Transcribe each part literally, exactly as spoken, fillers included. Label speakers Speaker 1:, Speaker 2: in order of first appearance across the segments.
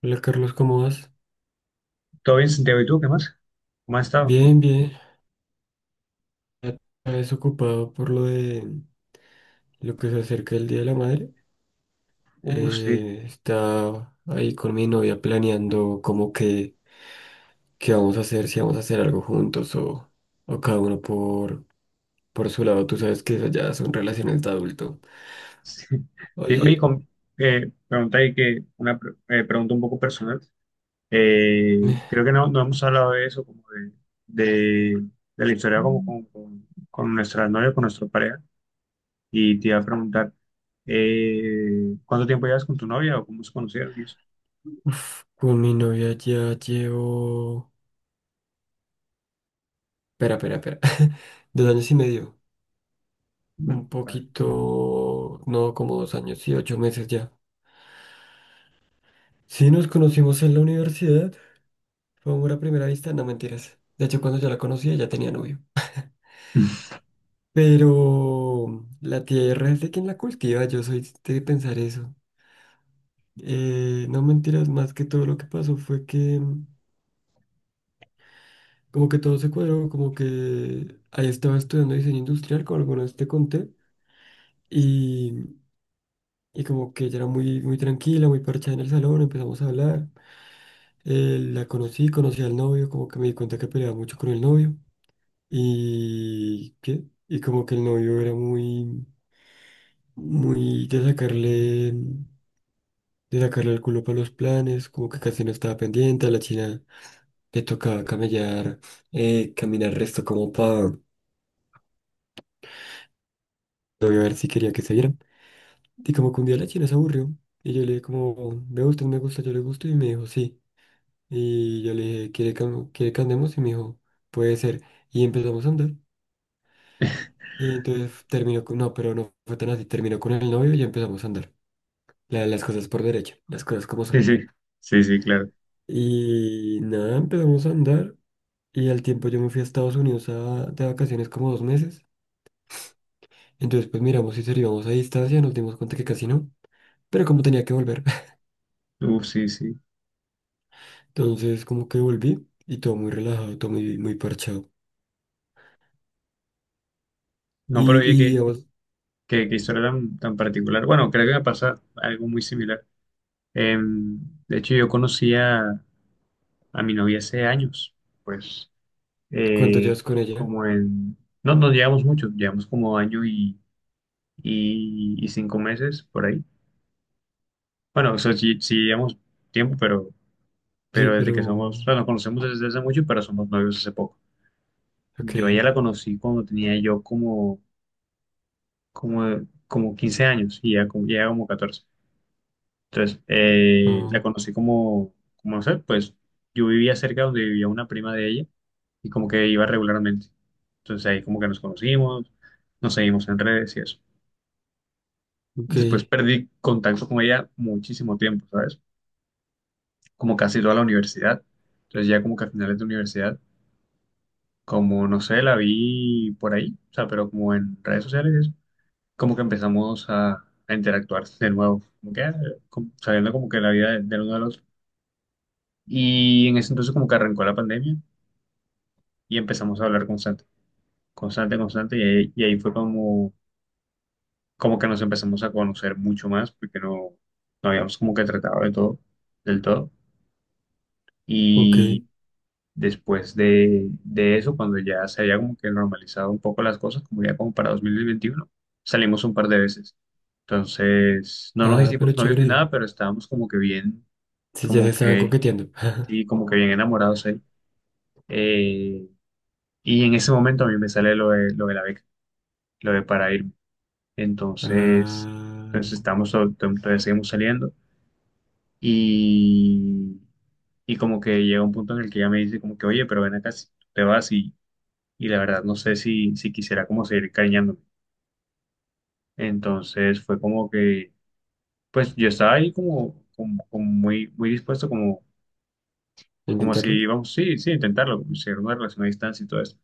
Speaker 1: Hola Carlos, ¿cómo vas?
Speaker 2: Todo bien, Santiago, ¿y tú qué más? ¿Cómo has estado?
Speaker 1: Bien, bien. Ya desocupado por lo de lo que se acerca el Día de la Madre.
Speaker 2: Uh, sí,
Speaker 1: Eh, está ahí con mi novia planeando como que qué vamos a hacer, si vamos a hacer algo juntos o, o cada uno por, por su lado. Tú sabes que esas ya son relaciones de adulto.
Speaker 2: sí. Sí, oye,
Speaker 1: Oye,
Speaker 2: con, eh, pregunta ahí que una pre- eh, pregunta un poco personal. Eh, creo que no, no hemos hablado de eso, como de, de, de la historia como
Speaker 1: Mm.
Speaker 2: con, con, con nuestra novia, con nuestra pareja. Y te iba a preguntar, eh, ¿cuánto tiempo llevas con tu novia o cómo se conocieron y eso?
Speaker 1: Uf, con mi novia ya llevo... Espera, espera, espera. Dos años y medio.
Speaker 2: Mm,
Speaker 1: Un
Speaker 2: vale.
Speaker 1: poquito... No, como dos años y ocho meses ya. Sí, nos conocimos en la universidad. Fue amor a primera vista, no mentiras. De hecho, cuando yo la conocía ya tenía novio. Pero la tierra es de quien la cultiva, yo soy de pensar eso. Eh, no mentiras, más que todo lo que pasó fue que mm, como que todo se cuadró, como que ahí estaba estudiando diseño industrial, como alguna vez te conté, y, y como que ella era muy, muy tranquila, muy parchada en el salón, empezamos a hablar. Eh, la conocí, conocí al novio, como que me di cuenta que peleaba mucho con el novio. Y que, y como que el novio era muy, muy, de sacarle, de sacarle el culo para los planes, como que casi no estaba pendiente, a la china le tocaba camellar, eh, caminar resto como para novio a ver si quería que se vieran. Y como que un día la china se aburrió, y yo le dije como, me gusta, me gusta, yo le gusto, y me dijo sí. Y yo le dije, ¿quiere que, am- quiere que andemos? Y me dijo, puede ser. Y empezamos a andar. Y entonces terminó con, no, pero no fue tan así, terminó con el novio y ya empezamos a andar. La- las cosas por derecho, las cosas como
Speaker 2: Sí,
Speaker 1: son.
Speaker 2: sí, sí, sí, claro.
Speaker 1: Y nada, empezamos a andar y al tiempo yo me fui a Estados Unidos a- de vacaciones como dos meses. Entonces pues miramos si seríamos a distancia, nos dimos cuenta que casi no, pero como tenía que volver,
Speaker 2: Uf, sí, sí.
Speaker 1: entonces como que volví y todo muy relajado, todo muy, muy parchado.
Speaker 2: No, pero
Speaker 1: Y,
Speaker 2: oye,
Speaker 1: y
Speaker 2: qué,
Speaker 1: digamos,
Speaker 2: qué, qué historia tan, tan particular. Bueno, creo que me pasa algo muy similar. Em, de hecho, yo conocí a, a mi novia hace años, pues
Speaker 1: ¿cuánto
Speaker 2: eh,
Speaker 1: llevas con ella?
Speaker 2: como en... No, no llevamos mucho, llevamos como año y, y, y cinco meses por ahí. Bueno, eso sí, sí llevamos tiempo, pero,
Speaker 1: Sí,
Speaker 2: pero desde que
Speaker 1: pero...
Speaker 2: somos, o sea, nos conocemos desde hace mucho, pero somos novios hace poco.
Speaker 1: Ok,
Speaker 2: Yo a ella la conocí cuando tenía yo como, como, como quince años y ya como, ya como catorce. Entonces, eh,
Speaker 1: ah,
Speaker 2: la conocí como, como, no sé, pues yo vivía cerca donde vivía una prima de ella y como que iba regularmente. Entonces ahí como que nos conocimos, nos seguimos en redes y eso.
Speaker 1: ok,
Speaker 2: Después perdí contacto con ella muchísimo tiempo, ¿sabes? Como casi toda la universidad. Entonces ya como que a finales de universidad, como no sé, la vi por ahí, o sea, pero como en redes sociales, y eso, como que empezamos a, a interactuar de nuevo, como que ah, como- sabiendo como que la vida de- del uno del otro. Y en ese entonces como que arrancó la pandemia y empezamos a hablar constante, constante, constante. Y ahí, y ahí fue como, como que nos empezamos a conocer mucho más porque no, no habíamos como que tratado de todo, del todo.
Speaker 1: ok.
Speaker 2: Y después de, de eso, cuando ya se había como que normalizado un poco las cosas, como ya como para dos mil veintiuno salimos un par de veces. Entonces, no nos
Speaker 1: Ah, pero
Speaker 2: hicimos novios ni
Speaker 1: chévere.
Speaker 2: nada, pero estábamos como que bien,
Speaker 1: Sí, ya se
Speaker 2: como
Speaker 1: estaban
Speaker 2: que,
Speaker 1: coqueteando.
Speaker 2: sí, como que bien enamorados ahí. Eh, Y en ese momento a mí me sale lo de, lo de la beca, lo de para irme. Entonces,
Speaker 1: Ah,
Speaker 2: entonces estamos, to- to- todavía seguimos saliendo y, y como que llega un punto en el que ella me dice como que, oye, pero ven acá, si tú te vas y, y la verdad no sé si, si quisiera como seguir cariñándome. Entonces fue como que, pues yo estaba ahí como, como, como muy, muy dispuesto, como, como si
Speaker 1: intentarlo.
Speaker 2: íbamos, sí, sí, intentarlo, como si era una relación a distancia y todo eso.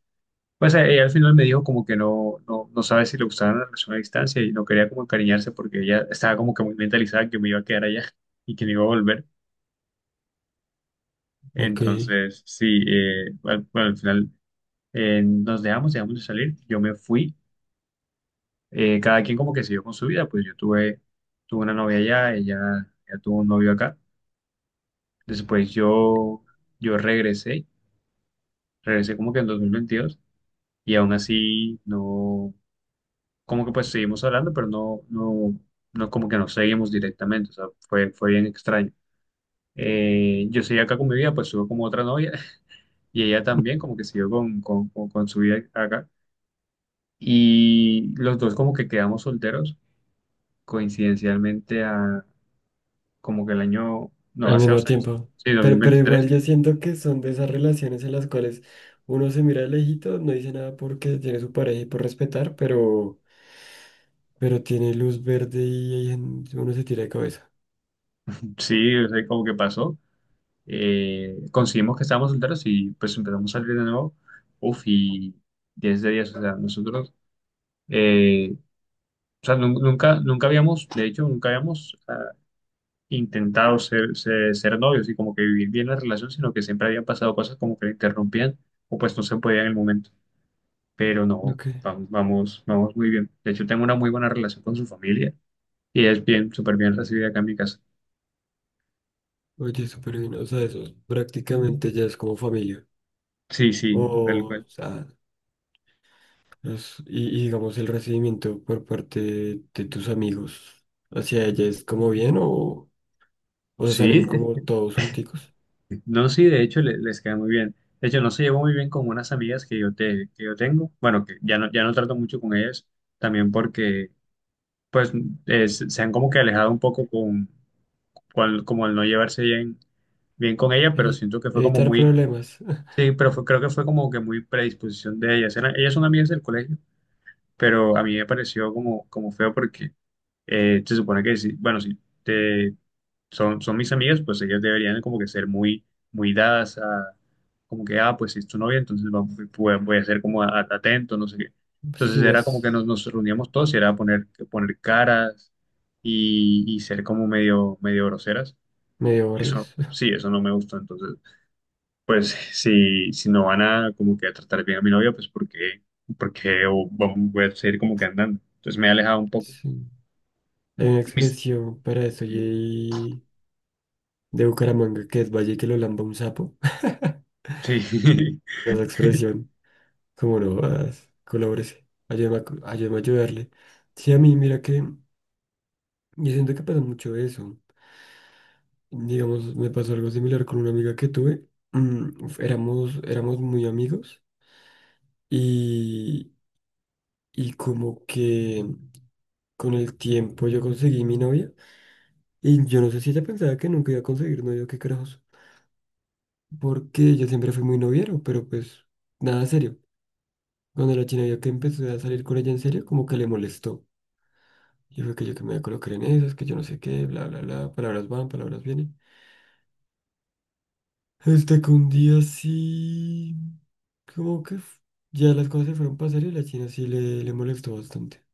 Speaker 2: Pues eh, ella al final me dijo como que no, no, no sabe si le gustaba la relación a distancia y no quería como encariñarse porque ella estaba como que muy mentalizada que me iba a quedar allá y que no iba a volver.
Speaker 1: Ok.
Speaker 2: Entonces, sí, eh, al, bueno, al final eh, nos dejamos, dejamos de salir, yo me fui, eh, cada quien como que siguió con su vida, pues yo tuve, tuve una novia allá, ella, ella tuvo un novio acá. Después yo, yo regresé, regresé como que en dos mil veintidós y aún así no como que pues seguimos hablando, pero no, no, no como que nos seguimos directamente, o sea, fue, fue bien extraño. Eh, yo seguí acá con mi vida, pues estuve como otra novia y ella también como que siguió con, con, con, con su vida acá. Y los dos como que quedamos solteros coincidencialmente a como que el año, no,
Speaker 1: Al
Speaker 2: hace
Speaker 1: mismo
Speaker 2: dos años,
Speaker 1: tiempo.
Speaker 2: sí, dos mil
Speaker 1: Pero, pero igual
Speaker 2: veintitrés.
Speaker 1: yo siento que son de esas relaciones en las cuales uno se mira de lejito, no dice nada porque tiene su pareja y por respetar, pero, pero tiene luz verde y ahí en- uno se tira de cabeza.
Speaker 2: Sí, o sea, como que pasó. Eh, conseguimos que estábamos solteros y pues empezamos a salir de nuevo. Uf, y diez de diez, o sea, nosotros... Eh, o sea, nun- nunca, nunca habíamos, de hecho, nunca habíamos ah, intentado ser, ser, ser novios y como que vivir bien la relación, sino que siempre habían pasado cosas como que la interrumpían o pues no se podía en el momento. Pero no,
Speaker 1: Ok,
Speaker 2: vamos, vamos, vamos muy bien. De hecho, tengo una muy buena relación con su familia y es bien, súper bien recibida acá en mi casa.
Speaker 1: oye, súper bien. O sea, eso prácticamente ya es como familia.
Speaker 2: Sí, sí, tal
Speaker 1: O,
Speaker 2: cual.
Speaker 1: sea, los- y, y digamos el recibimiento por parte de de tus amigos hacia ella es como bien o, o sea, salen
Speaker 2: Sí,
Speaker 1: como todos junticos.
Speaker 2: no, sí, de hecho le- les queda muy bien. De hecho, no se llevó muy bien con unas amigas que yo, te, que yo tengo. Bueno, que ya no, ya no trato mucho con ellas, también porque pues eh, se se han como que alejado un poco con, con- como el no llevarse bien, bien con ella, pero
Speaker 1: Evi-
Speaker 2: siento que fue como
Speaker 1: Evitar
Speaker 2: muy,
Speaker 1: problemas.
Speaker 2: sí, pero fue- creo que fue como que muy predisposición de ella. Era- Ellas son amigas del colegio, pero a mí me pareció como, como feo porque eh, se supone que sí, bueno, sí, son, son mis amigas, pues ellas deberían como que ser muy, muy dadas a, como que, ah, pues si es tu novia, entonces va- voy, voy a ser como a- atento, no sé qué. Entonces
Speaker 1: Sí,
Speaker 2: era como
Speaker 1: más.
Speaker 2: que nos, nos reuníamos todos y era poner, poner caras y, y ser como medio, medio groseras.
Speaker 1: Medio
Speaker 2: Eso,
Speaker 1: bordes.
Speaker 2: sí, eso no me gustó. Entonces, pues si, si no van a como que a tratar bien a mi novia, pues porque, porque voy a seguir como que andando. Entonces me he alejado un poco.
Speaker 1: Sí. Hay una
Speaker 2: Y mis-
Speaker 1: expresión para eso y hay de Bucaramanga, que es Valle, que lo lamba un sapo.
Speaker 2: sí.
Speaker 1: Esa expresión, como no vas, colabórese, ayúdame a, co- ayúdame a ayudarle. Sí, a mí, mira que yo siento que pasa mucho eso. Digamos, me pasó algo similar con una amiga que tuve. Mm, uf, éramos, éramos muy amigos y, y como que con el tiempo yo conseguí mi novia y yo no sé si ella pensaba que nunca iba a conseguir novia, qué carajos. Porque yo siempre fui muy noviero, pero pues nada serio. Cuando la china vio que empecé a salir con ella en serio, como que le molestó. Y fue que yo que me voy a colocar en esas, que yo no sé qué, bla, bla, bla, palabras van, palabras vienen. Hasta que un día sí, como que f- ya las cosas se fueron para serio y la china sí le, le molestó bastante.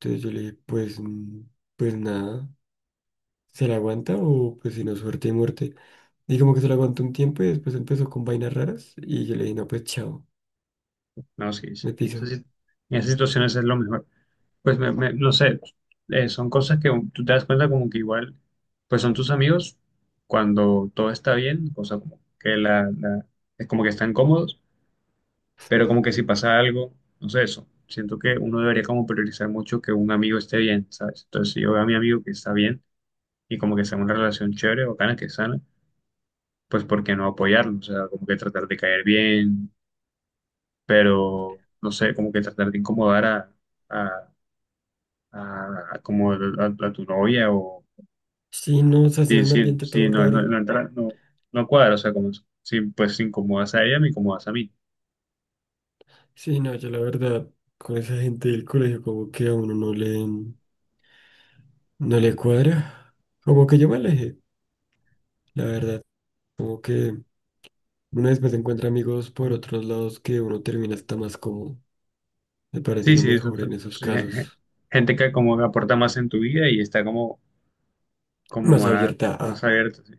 Speaker 1: Entonces yo le dije, pues, mm, pues nada, ¿se la aguanta o pues si no, suerte y muerte? Y como que se la aguantó un tiempo y después empezó con vainas raras y yo le dije, no, pues chao,
Speaker 2: No, sí, sí.
Speaker 1: me
Speaker 2: En
Speaker 1: piso.
Speaker 2: esas, sit- en esas situaciones es lo mejor. Pues me- me- no sé, eh, son cosas que tú te das cuenta como que igual, pues son tus amigos cuando todo está bien, o sea, como que la, la- es como que están cómodos, pero como que si pasa algo, no sé, eso. Siento que uno debería como priorizar mucho que un amigo esté bien, ¿sabes? Entonces, si yo veo a mi amigo que está bien y como que sea una relación chévere, bacana, que es sana, pues ¿por qué no apoyarlo? O sea, como que tratar de caer bien, pero no sé, como que tratar de incomodar a, a, a- a como el- a, a tu novia o
Speaker 1: Sí, no, se hace en
Speaker 2: sí,
Speaker 1: un
Speaker 2: sí,
Speaker 1: ambiente todo
Speaker 2: sí, no, no,
Speaker 1: raro.
Speaker 2: no entra, no, no cuadra, o sea, como si pues si incomodas a ella, me incomodas a mí.
Speaker 1: Sí, no, yo la verdad, con esa gente del colegio como que a uno no le, no le cuadra. Como que yo me alejé, la verdad. Como que uno después encuentra amigos por otros lados que uno termina hasta más cómodo. Me parece
Speaker 2: Sí,
Speaker 1: lo
Speaker 2: sí, eso
Speaker 1: mejor
Speaker 2: t-
Speaker 1: en esos
Speaker 2: sí, je- je-
Speaker 1: casos.
Speaker 2: gente que como que aporta más en tu vida y está como, como
Speaker 1: Más
Speaker 2: más,
Speaker 1: abierta
Speaker 2: más
Speaker 1: a...
Speaker 2: abierta, sí.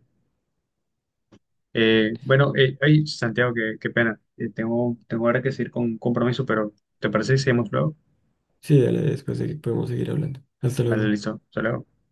Speaker 2: Eh, bueno, eh, ay, Santiago, qué, qué pena. Eh, tengo, tengo ahora que seguir con un compromiso, pero ¿te parece si seguimos luego?
Speaker 1: Sí, dale, después segui- podemos seguir hablando. Hasta
Speaker 2: Vale,
Speaker 1: luego.
Speaker 2: listo. Hasta luego.